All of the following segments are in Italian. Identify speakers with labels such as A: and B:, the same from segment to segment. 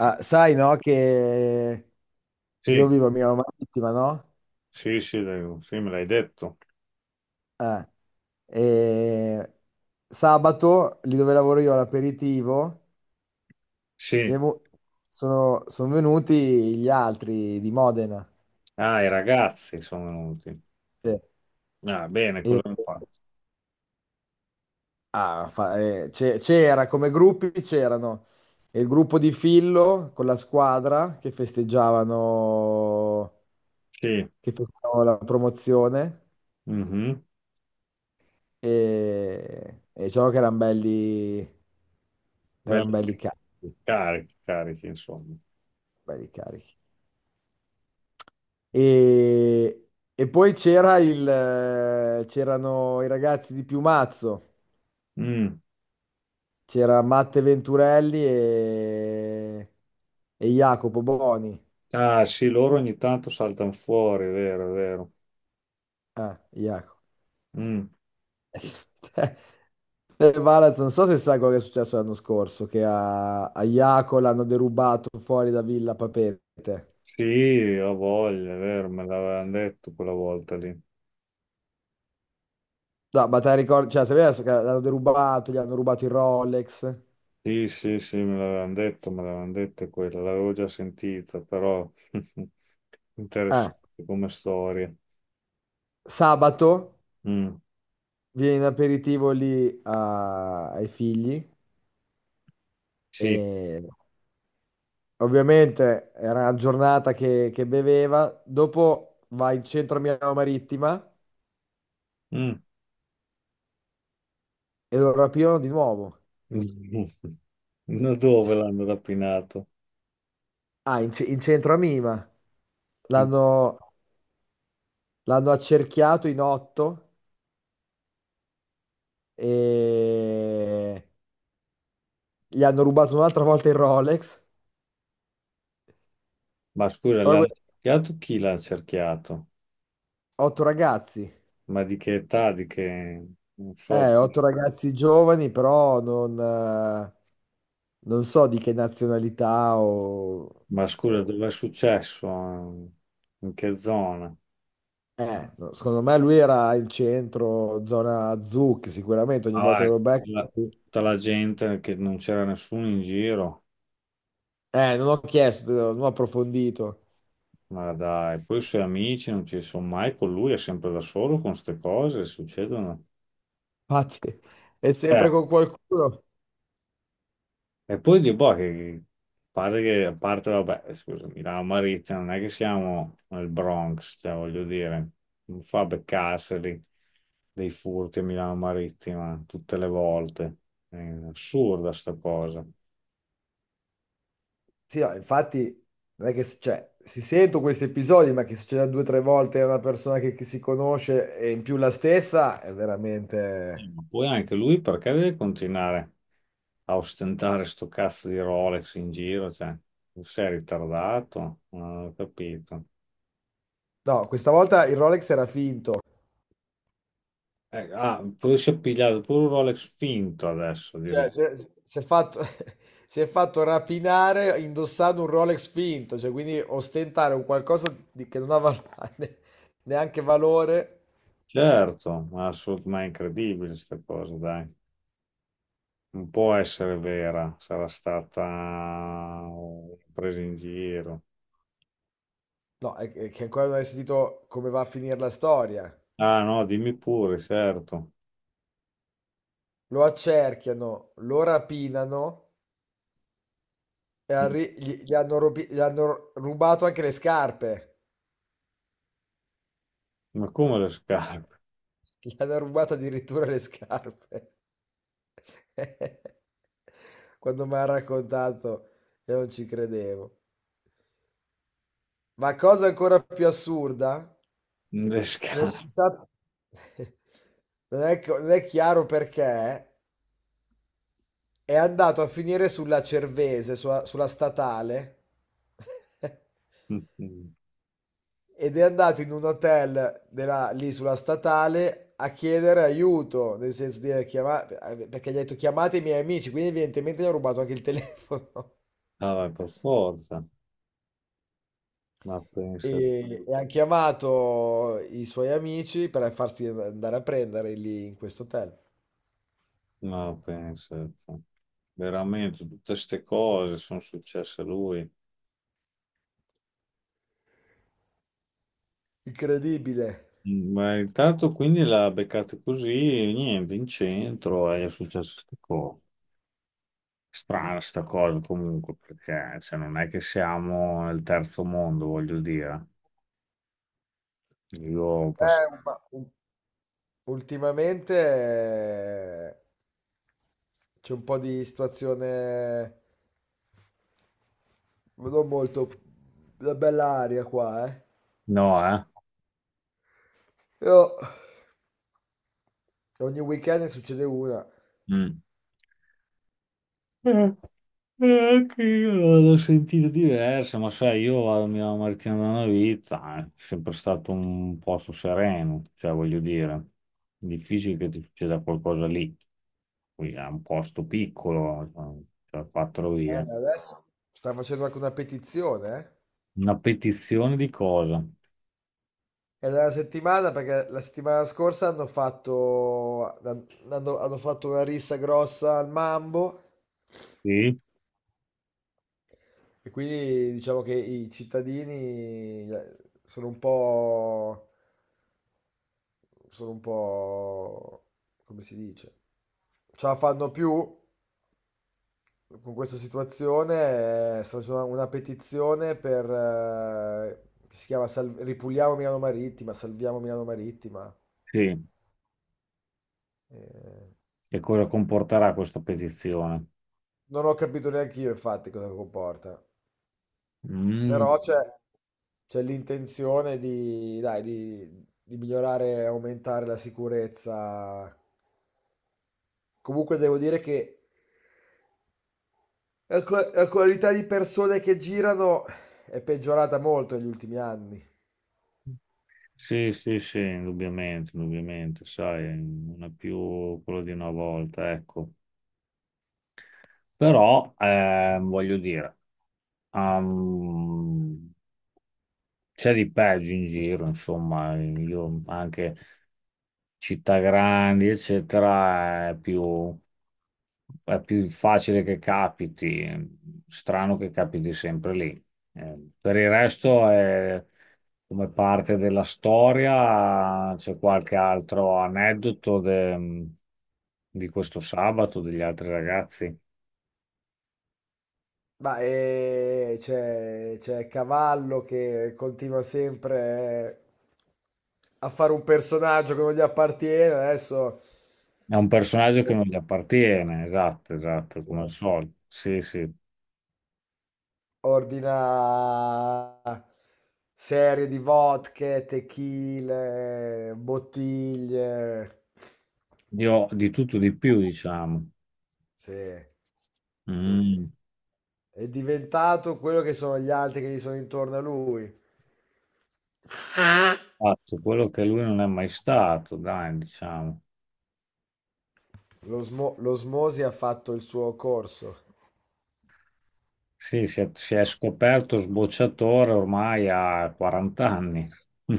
A: Ah, sai, no, che io
B: Sì,
A: vivo a Milano Marittima, no?
B: sì, sì, dai, sì, me l'hai detto.
A: Eh, e sabato, lì dove lavoro io all'aperitivo, mi
B: Sì,
A: è vu- sono venuti gli altri di Modena.
B: ah, i ragazzi sono venuti.
A: Sì.
B: Ah, bene,
A: E-
B: cosa hanno fatto?
A: C'era, come gruppi c'erano il gruppo di Fillo con la squadra che festeggiavano,
B: Sì,
A: che festeggiavano la promozione.
B: mhm.
A: E diciamo che erano belli Erano
B: Belli
A: belli carichi,
B: carichi, carichi, insomma.
A: belli carichi. E, e poi c'erano i ragazzi di Piumazzo,
B: Mm.
A: c'era Matte Venturelli e Jacopo Boni.
B: Ah, sì, loro ogni tanto saltano fuori, è vero, è vero.
A: Ah, Jacopo.
B: Mm.
A: Valaz, non so se sai quello che è successo l'anno scorso, che a Jaco l'hanno derubato fuori da Villa Papete.
B: Sì, ho voglia, è vero, me l'avevano detto quella volta lì.
A: No, ma te la ricordi, cioè, sapevi che l'hanno derubato, gli hanno rubato il Rolex.
B: Sì, sì, sì, me l'avevano detto quella, l'avevo già sentita, però interessante
A: Eh,
B: come storia.
A: Sabato
B: Mm.
A: viene in aperitivo ai figli
B: Sì.
A: e ovviamente era una giornata che beveva, dopo va in centro a Milano Marittima
B: Mm.
A: e lo rapirono di nuovo.
B: No, dove l'hanno rapinato?
A: Ah, in centro a Mima. L'hanno l'hanno accerchiato in otto e gli hanno rubato un'altra volta il Rolex.
B: Ma scusa,
A: Però
B: l'ha
A: que-
B: cerchiato chi l'ha cerchiato?
A: Otto ragazzi,
B: Ma di che età? Di che... Non so.
A: otto ragazzi giovani, però non so di che nazionalità o...
B: Ma scusa,
A: o-
B: dove è successo? In che zona?
A: eh, no, secondo me lui era in centro, zona azzurra, che sicuramente ogni volta
B: Ah,
A: che
B: ecco,
A: lo
B: la-
A: becco...
B: tutta la gente che non c'era nessuno in giro.
A: Non ho chiesto, non ho approfondito.
B: Ma dai, poi i suoi amici non ci sono mai con lui, è sempre da solo con queste cose, succedono.
A: Infatti, è sempre
B: Eh,
A: con qualcuno.
B: E poi di boh, che pare che, a parte, vabbè, scusami, la Maritza non è che siamo nel Bronx, cioè, voglio dire, non fa beccarseli dei furti a Milano Marittima tutte le volte. È assurda sta cosa.
A: Sì, no, infatti, non è che... Cioè, si sentono questi episodi, ma che succeda due o tre volte a una persona che si conosce e in più la stessa, è veramente...
B: Ma poi anche lui perché deve continuare a ostentare sto cazzo di Rolex in giro? Cioè, non sei ritardato? Non ho capito.
A: No, questa volta il Rolex era finto.
B: Ah, poi si è pigliato pure un Rolex finto adesso.
A: Cioè, si è fatto, si è fatto rapinare indossando un Rolex finto, cioè, quindi ostentare un qualcosa che non ha val- ne- neanche valore,
B: Certo, ma, ma è incredibile questa cosa, dai. Non può essere vera, sarà stata una presa in giro.
A: no, è che ancora non hai sentito come va a finire la storia.
B: Ah no, dimmi pure, certo.
A: Lo accerchiano, lo rapinano e
B: Mm.
A: gli hanno rubato anche le scarpe.
B: Ma come le scarpe?
A: Gli hanno rubato addirittura le scarpe. Quando mi ha raccontato, io non ci credevo. Ma cosa ancora più assurda,
B: Le
A: non si
B: scarpe.
A: sa, non è chiaro perché, è andato a finire sulla Cervese, sulla statale,
B: Mm.
A: ed è andato in un hotel lì sulla statale a chiedere aiuto, nel senso di perché gli ha detto chiamate i miei amici, quindi evidentemente gli ha rubato anche il telefono.
B: Ah, vai, per forza. Ma
A: E,
B: pensa,
A: e ha chiamato i suoi amici per farsi andare a prendere lì in questo hotel.
B: ma pensa. Te. Veramente, tutte queste cose sono successe a lui.
A: Incredibile.
B: Mm, ma intanto quindi l'ha beccato così, niente, in centro e è successo queste cose. Strana sta cosa comunque, perché cioè, non è che siamo nel terzo mondo, voglio dire. Io passo...
A: Eh, ma u- Ultimamente c'è un po' di situazione non molto la bella aria qua, eh.
B: No, eh?
A: Io- Ogni weekend ne succede una.
B: Mm. Eh, anche io l'ho sentita diversa, ma sai, io vado a Milano Martina da una vita, è sempre stato un posto sereno, cioè voglio dire, difficile che ti succeda qualcosa lì. Qui è un posto piccolo, cioè quattro vie.
A: Adesso sta facendo anche una petizione, eh.
B: Una petizione di cosa?
A: È della settimana perché la settimana scorsa hanno fatto una rissa grossa al Mambo.
B: Sì,
A: E quindi diciamo che i cittadini sono un po', sono un po', come si dice, ce la fanno più con questa situazione, sta facendo una petizione per, che si chiama Ripuliamo Milano Marittima, Salviamo Milano Marittima.
B: sì.
A: Eh,
B: E cosa comporterà questa petizione?
A: non ho capito neanche io infatti cosa comporta,
B: Mm,
A: però c'è l'intenzione di, dai, di migliorare e aumentare la sicurezza. Comunque devo dire che la qualità di persone che girano è peggiorata molto negli ultimi anni.
B: sì, sì, sì, indubbiamente, indubbiamente, sai, non è più quello di una volta, ecco. Però, voglio dire, ehm, c'è di peggio in giro, insomma, io anche città grandi, eccetera, è più facile che capiti, strano che capiti sempre lì. Per il resto è come parte della storia, c'è qualche altro aneddoto di questo sabato, degli altri ragazzi.
A: Ma c'è Cavallo che continua sempre a fare un personaggio che non gli appartiene. Adesso
B: È un personaggio che non gli appartiene, esatto, esatto,
A: sì,
B: come al solito. Sì, sì.
A: ordina serie di vodka, tequila, bottiglie.
B: Io di tutto di più, diciamo.
A: Sì, sì, sì.
B: Mm.
A: È diventato quello che sono gli altri che gli sono intorno a lui.
B: Fatto quello che lui non è mai stato, dai, diciamo.
A: L'osmosi ha fatto il suo corso.
B: Sì, si è scoperto sbocciatore ormai a 40 anni.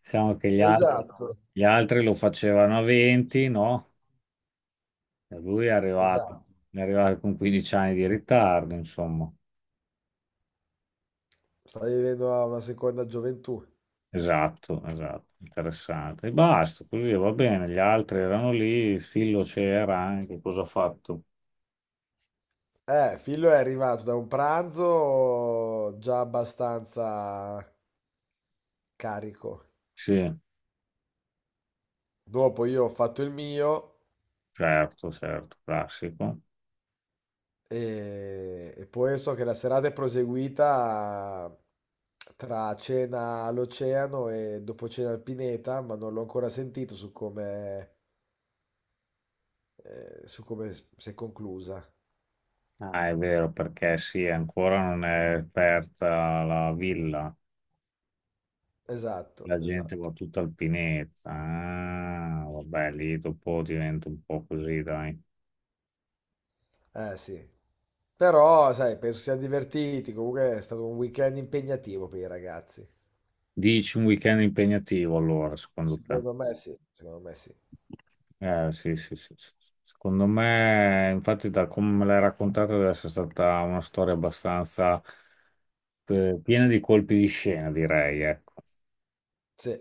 B: Diciamo che
A: Esatto,
B: gli altri lo facevano a 20, no? E lui
A: esatto.
B: è arrivato con 15 anni di ritardo, insomma.
A: Sta vivendo una seconda gioventù.
B: Esatto, esatto, interessante. E basta, così va bene. Gli altri erano lì, il Fillo c'era anche, cosa ha fatto?
A: Fillo è arrivato da un pranzo già abbastanza carico.
B: Sì,
A: Dopo io ho fatto il mio.
B: certo, certo, classico.
A: E poi so che la serata è proseguita tra cena all'Oceano e dopo cena al Pineta, ma non l'ho ancora sentito su come si è conclusa.
B: Ah, è vero, perché sì, ancora non è aperta la villa.
A: Esatto,
B: La gente va
A: esatto.
B: tutta alpinetta. Ah, vabbè, lì dopo diventa un po' così, dai.
A: Eh sì. Però, sai, penso siano divertiti. Comunque è stato un weekend impegnativo per i ragazzi.
B: Dici un weekend impegnativo allora, secondo te?
A: Secondo me sì, secondo me sì.
B: Sì, sì, sì, sì, sì. Secondo me, infatti, da come me l'hai raccontata, deve essere stata una storia abbastanza piena di colpi di scena, direi, ecco.
A: Sì.